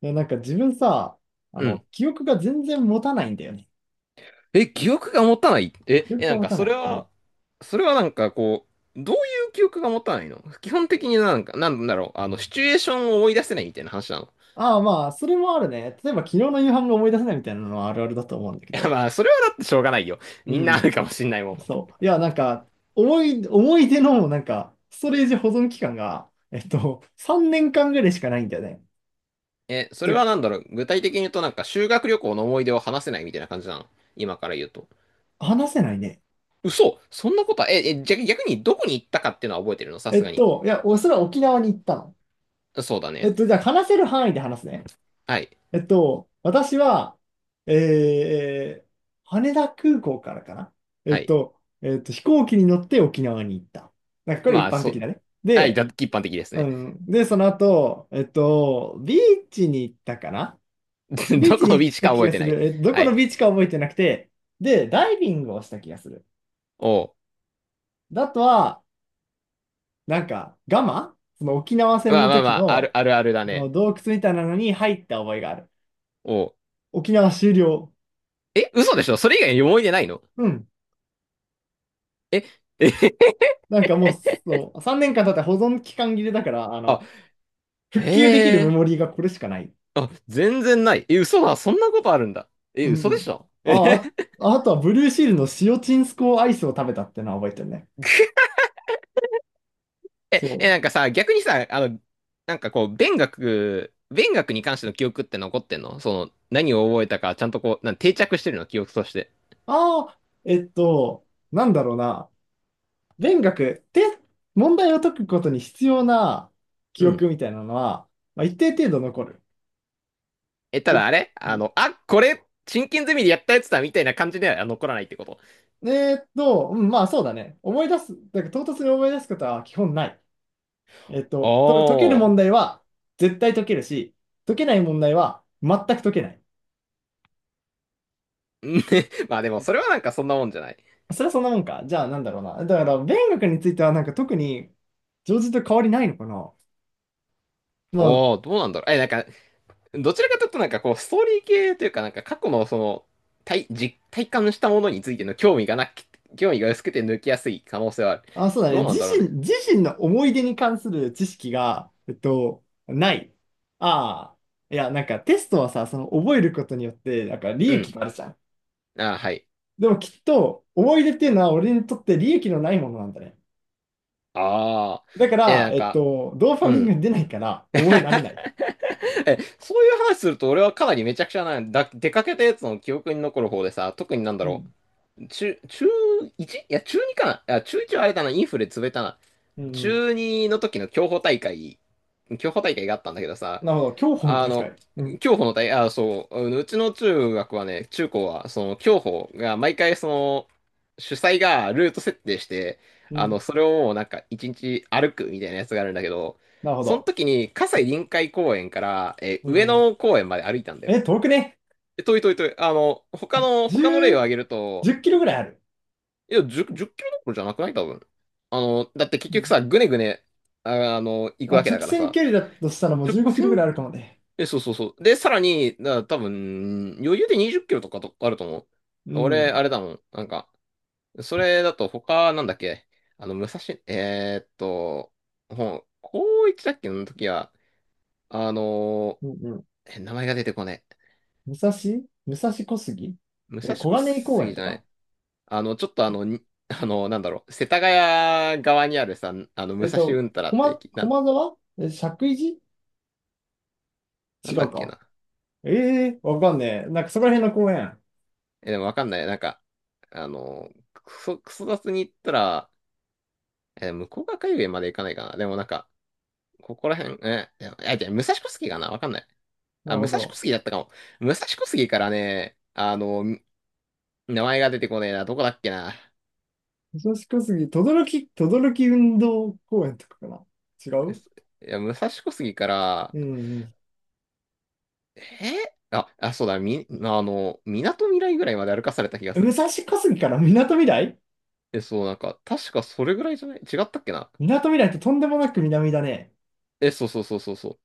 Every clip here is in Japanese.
なんか自分さ、うん。記憶が全然持たないんだよね。記憶が持たない。記憶ながん持かたそなれい。うは、ん。それはなんかこう、どういう記憶が持たないの基本的になんか、なんだろう、シチュエーションを思い出せないみたいな話なの。ああ、まあ、それもあるね。例えば昨日の夕飯が思い出せないみたいなのはあるあるだと思うんだけいや、ど。まあ、それはだってしょうがないよ。うみんなあん。るかもしんないもん。そう。いや、なんか、思い出の、なんか、ストレージ保存期間が、3年間ぐらいしかないんだよね。それで、はなんだろう、具体的に言うとなんか修学旅行の思い出を話せないみたいな感じなの。今から言うと。話せないね。嘘そんなことは、じゃ、逆にどこに行ったかっていうのは覚えてるのさすがに。いや、おそれは沖縄に行ったの。そうだね。じゃあ話せる範囲で話すね。はい。えっと、私は、えー、羽田空港からかな。はい。飛行機に乗って沖縄に行った。なんかこれま一あ、般そ的う。だね。はい、で、一般的ですうね。ん。で、その後、ビーチに行ったかな。ビーどチこにの行ビっーチたか気覚えがてすない。る。え、どはこのい。ビーチか覚えてなくて、で、ダイビングをした気がする。おう。だあとは、なんか、ガマその沖縄戦まあのまあま時あ、の、あるあるだのね。洞窟みたいなのに入った覚えがある。おう。沖縄終了。嘘でしょ、それ以外に思い出ないの？うん。え、え、なんかもう、そう、3年間経ったら保存期間切れだから、あ、復旧できるへメモえ。リーがこれしかない。あ、全然ない。え、嘘だ。そんなことあるんだ。え、う嘘でん。しょ、あ あ、あとはブルーシールの塩チンスコーアイスを食べたってのは覚えてるね。そう。なんかさ、逆にさ、なんかこう、勉学に関しての記憶って残ってんの、その、何を覚えたか、ちゃんとこう、定着してるの、記憶として。ああ、なんだろうな。勉学って問題を解くことに必要な記うん。憶みたいなのは、まあ、一定程度残る。たでだあれ、うん、あ、これ、真剣ゼミでやったやつだ、みたいな感じでは残らないってこと。うん、まあそうだね。思い出す、だから唐突に思い出すことは基本ない。解けるお問題ー。は絶対解けるし、解けない問題は全く解けない。まあでもそれはなんかそんなもんじゃない。それはそんなもんか。じゃあなんだろうな。だから勉学についてはなんか特に常人と変わりないのかな。まおお、どうなんだろう。え、なんか、どちらかというとなんかこう、ストーリー系というかなんか過去のその、体感したものについての興味がなく、興味が薄くて抜きやすい可能性はある。あ、あ、そうだどね。うなんだろうね。自身の思い出に関する知識が、ない。ああ。いや、なんかテストはさ、その覚えることによって、なんか利う益ん。があるじゃん。あー、はい。でもきっと思い出っていうのは俺にとって利益のないものなんだね。ああ。だかえ、ら、なんか、ドーパうミンがん。出ないから 覚えられない。そういう話すると俺はかなりめちゃくちゃな、出かけたやつの記憶に残る方でさ、特になんだうろんう。中 1? いや、中2かな。あ、中1はあれだな、インフレ潰れたな。うん。中二の時の競歩大会があったんだけどさ、なるほど。競歩のあ大の、会。うん。競歩の大、あ、そう、うちの中学はね、中高は、その競歩が毎回、その、主催がルート設定して、うん。それをもうなんか一日歩くみたいなやつがあるんだけど、なるほそのど。時に、う葛西ん。臨海公園から、う上ん野公園まで歩いたんだよ。え、遠くね。遠い遠い遠い。他の例を10、挙げるじと、ゅっキロぐらいある。いや、10、10キロどころじゃなくない、多分。だって結う局んさ、ぐねぐね、行くまあ、わけだ直から線さ、距離だとしたらもう直15キロぐ線、らいあるかもね。そうそうそう。で、さらに、多分、余裕で20キロとかとあると思う。う俺、あん。れだもん。なんか、それだとなんだっけ、あの、武蔵、えーっと、高一だっけの時は、あのうんうん。名前が出てこない。武蔵武蔵小杉武え、蔵小小金井公園杉とじゃなかい。ちょっとなんだろう、世田谷側にあるさ、武えっ蔵うと、んたらって駅、駒沢え、石神井なん寺違だうっけか。な。ええわかんねえ。なんかそこら辺の公園。でもわかんない。なんか、クソ雑に言ったら、向こうが海まで行かないかな。でもなんか、ここら辺、いや、いや、じゃあ武蔵小杉かな、わかんない。なあ、る武ほ蔵小ど。杉だったかも。武蔵小杉からね、名前が出てこねえな。どこだっけな。武蔵小杉、等々力運動公園とかかな。違えうすいや、武蔵小杉から、うんうんあ、そうだ、み、あの、港未来ぐらいまで歩かされた気が武する。蔵小杉から港未来そう、なんか、確かそれぐらいじゃない、違ったっけな。港未来ってとんでもなく南だね。そうそうそうそうそう。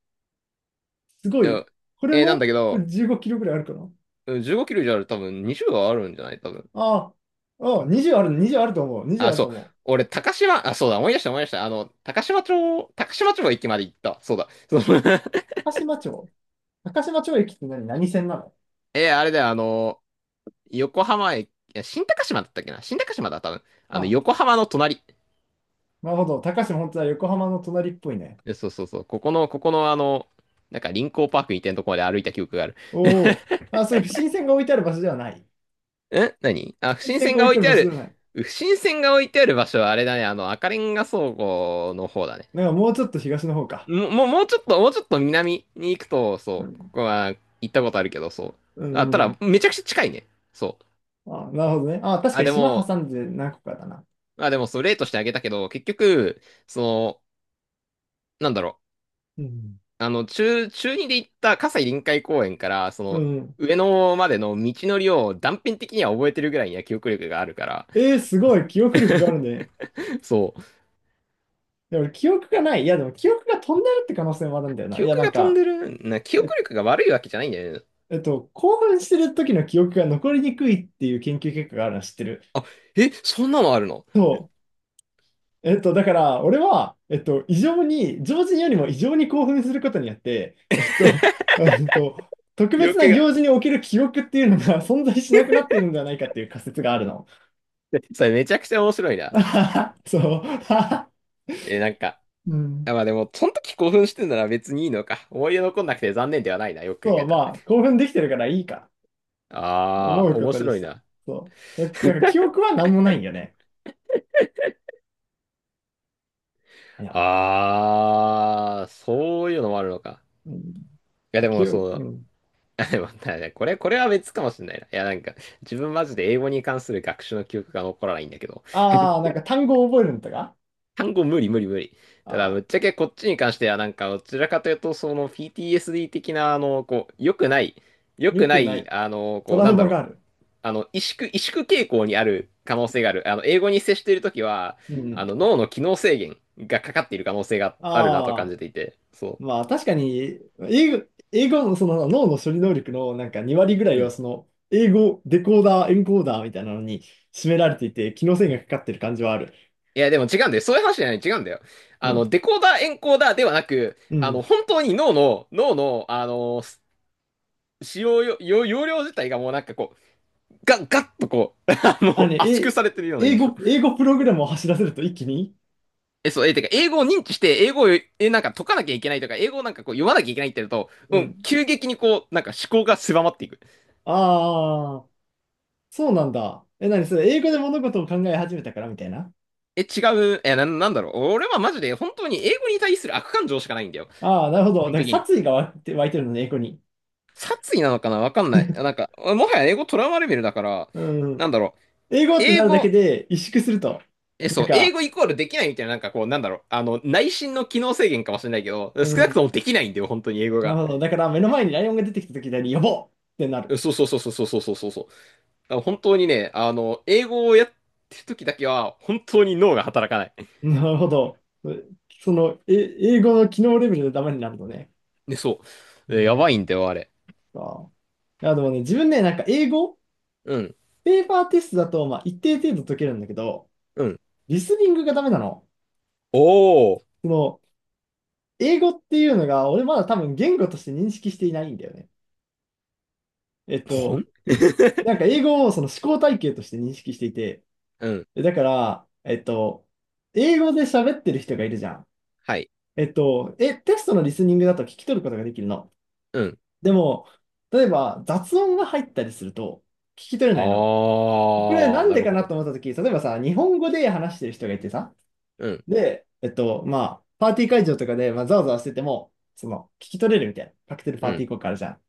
すごいい。や、これなもんだこけれど、15キロぐらいあるかなうん、15キロ以上ある、多分20はあるんじゃない、多分。ああ、あ20ある、20あると思う。20あ、あるそとう。思う。俺、あ、そうだ、思い出した、思い出した。高島町駅まで行った。そうだ。そう。 高島町。高島町駅って何何線なの あれだよ、横浜駅、いや、新高島だったっけな、新高島だ、多分。あ、横浜の隣。なるほど。高島本当は横浜の隣っぽいね。そうそうそう。ここの、臨港パークみたいなとこまで歩いた記憶がある。おお。あ、それ、新線が置いてある場所ではない。何？あ、不新審線船がが置い置ていあるてあ場所でる。はない。不審船が置いてある場所はあれだね、赤レンガ倉庫の方だね。なんかもうちょっと東の方か。もう、もうちょっと南に行くと、うそう、こん。こは行ったことあるけど、そうう。あ、たん、うだ、ん。めちゃくちゃ近いね。そう。あ、なるほどね。あ、確かあ、にで島も、挟んで何個かだな。あ、でも、そう、例としてあげたけど、結局、その、なんだろう。うん。中2で行った葛西臨海公園から、そうの、ん。上野までの道のりを断片的には覚えてるぐらいには記憶力があるから、えー、すあ、ごい。そう。記 憶力があるね。そう。で、俺、記憶がない。いや、でも記憶が飛んでるって可能性もあるんだよな。記いや、憶なんが飛んか、でる、記憶え、力が悪いわけじゃないんだよね。興奮してる時の記憶が残りにくいっていう研究結果があるの知ってる。あ、そんなのあるの、そう。だから、俺は、異常に、常人よりも異常に興奮することによって、えっと、特記別憶なが。行事における記憶っていうのが 存在しなくなっているんじゃないかっていう仮説があるの。それめちゃくちゃ面白いな。そう。え、なんか、うん。あ、まあでも、その時興奮してんなら別にいいのか。思い出残んなくて残念ではないな、よく考そえう、たら。まあ、興奮できてるからいいか。あ思あ、うこ面とに白しいた。な。そう。だだから記憶は何もないんよね。いやああ、そういうのもあるのか。ー、うん、いやでも記憶、そうう、ん。あ、でも、だね、これは別かもしれないな。いやなんか、自分マジで英語に関する学習の記憶が残らないんだけど、ああ、なんか単語を覚えるんだが、単語無理無理無理。ただ、ぶああ、っちゃけこっちに関してはなんか、どちらかというと、その PTSD 的な、良くない、よくない。トラなウんだマろう、がある。萎縮傾向にある可能性がある。英語に接しているときは、うん、脳の機能制限がかかっている可能性があるなと感ああ、じていて、そまあ確かに、英語、英語のその脳の処理能力のなんか2割ぐらう。いうはん。その、英語、デコーダー、エンコーダーみたいなのに占められていて、機能性がかかってる感じはある。いや、でも違うんだよ。そういう話じゃない、違うんだよ。うん。デコーダー、エンコーダーではなく、うん。本当に脳の、使用よ、よ容量自体がもうなんかこう、ガッとこう、あ、ね、圧縮え、されてるような印象。英語プログラムを走らせると一気にそう、てか、英語を認知して、英語を、え、なんか解かなきゃいけないとか、英語をなんかこう読まなきゃいけないってなると、ううん、ん。急激にこう、なんか思考が狭まっていく。ああ、そうなんだ。え、何それ、英語で物事を考え始めたからみたいな違う。なんだろう。俺はマジで本当に英語に対する悪感情しかないんだよ。ああ、なるほ基ど。だ本から的に。殺意が湧いて、湧いてるのね、英語に。殺意なのかな、わかんない。なんか、もはや英語トラウマレベルだから、うん。なんだろう。英語って英なるだけ語、で萎縮すると。え、そなんう、英か、語イコールできないみたいな、なんかこう、なんだろう。内心の機能制限かもしれないけど、う少なくとん。もできないんだよ、本当に英語なが。るほど。だから目の前にライオンが出てきた時に、呼ぼうってなる。そうそうそうそうそうそうそうそうそう。だから本当にね、英語をやってる時だけは、本当に脳が働かない。なるほど。その、え、英語の機能レベルでダメになるのね。で、そうう。やん。ばいんだよ、あれ。ああ。いや、でもね、自分ね、なんか英語、うん。ペーパーテストだと、まあ、一定程度解けるんだけど、うん。リスニングがダメなの。おー。その、英語っていうのが、俺まだ多分言語として認識していないんだよね。えっほん。 と、なんか英語をその思考体系として認識していて、うん。えだから、英語で喋ってる人がいるじゃん。はい。え、テストのリスニングだと聞き取ることができるの。うん。でも、例えば雑音が入ったりすると聞き取れないの。これあなあ、んなでるかほなど。と思った時例えばさ、日本語で話してる人がいてさ、うん。で、まあ、パーティー会場とかで、まあ、ざわざわしてても、その、聞き取れるみたいな。カクテルうパーティん。ー効果あるじゃん。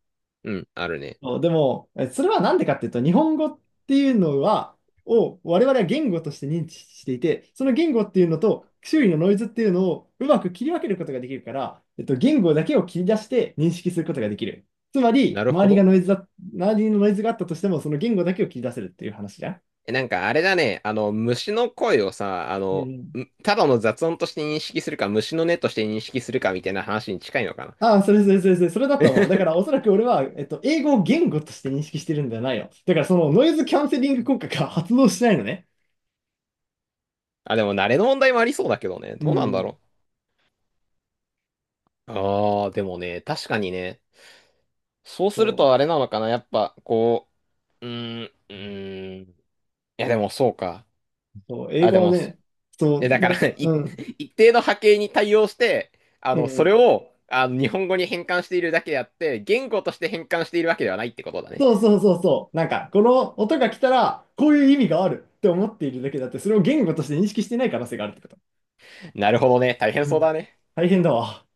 うん。あるね。そうでも、えそれはなんでかっていうと、日本語っていうのは、を我々は言語として認知していて、その言語っていうのと周囲のノイズっていうのをうまく切り分けることができるから、言語だけを切り出して認識することができる。つまり、なる周ほりがど。ノイズだ、周りのノイズがあったとしても、その言語だけを切り出せるっていう話じゃん。なんかあれだね。虫の声をさ、うん。ただの雑音として認識するか、虫の音として認識するかみたいな話に近いのかな。ああ、それだと思う。だから、おそらく俺は、英語を言語として認識してるんじゃないよ。だから、そのノイズキャンセリング効果が発動しないのね。あ、でも慣れの問題もありそうだけどね。うどうなんだん。ろう。ああ、でもね、確かにね。そうそするとあうれなのかな。やっぱ、こう、うーん、うーん。いや、でもそうか。そう、英あ、で語はも、ね、そう、だかなんら、か、うん、一定の波形に対応して、うそれん。を、日本語に変換しているだけであって、言語として変換しているわけではないってことだね。そうそうそうそう。なんか、この音が来たら、こういう意味があるって思っているだけだって、それを言語として認識してない可能性があるってこと。なるほどね。大変うそうん。だね。大変だわ。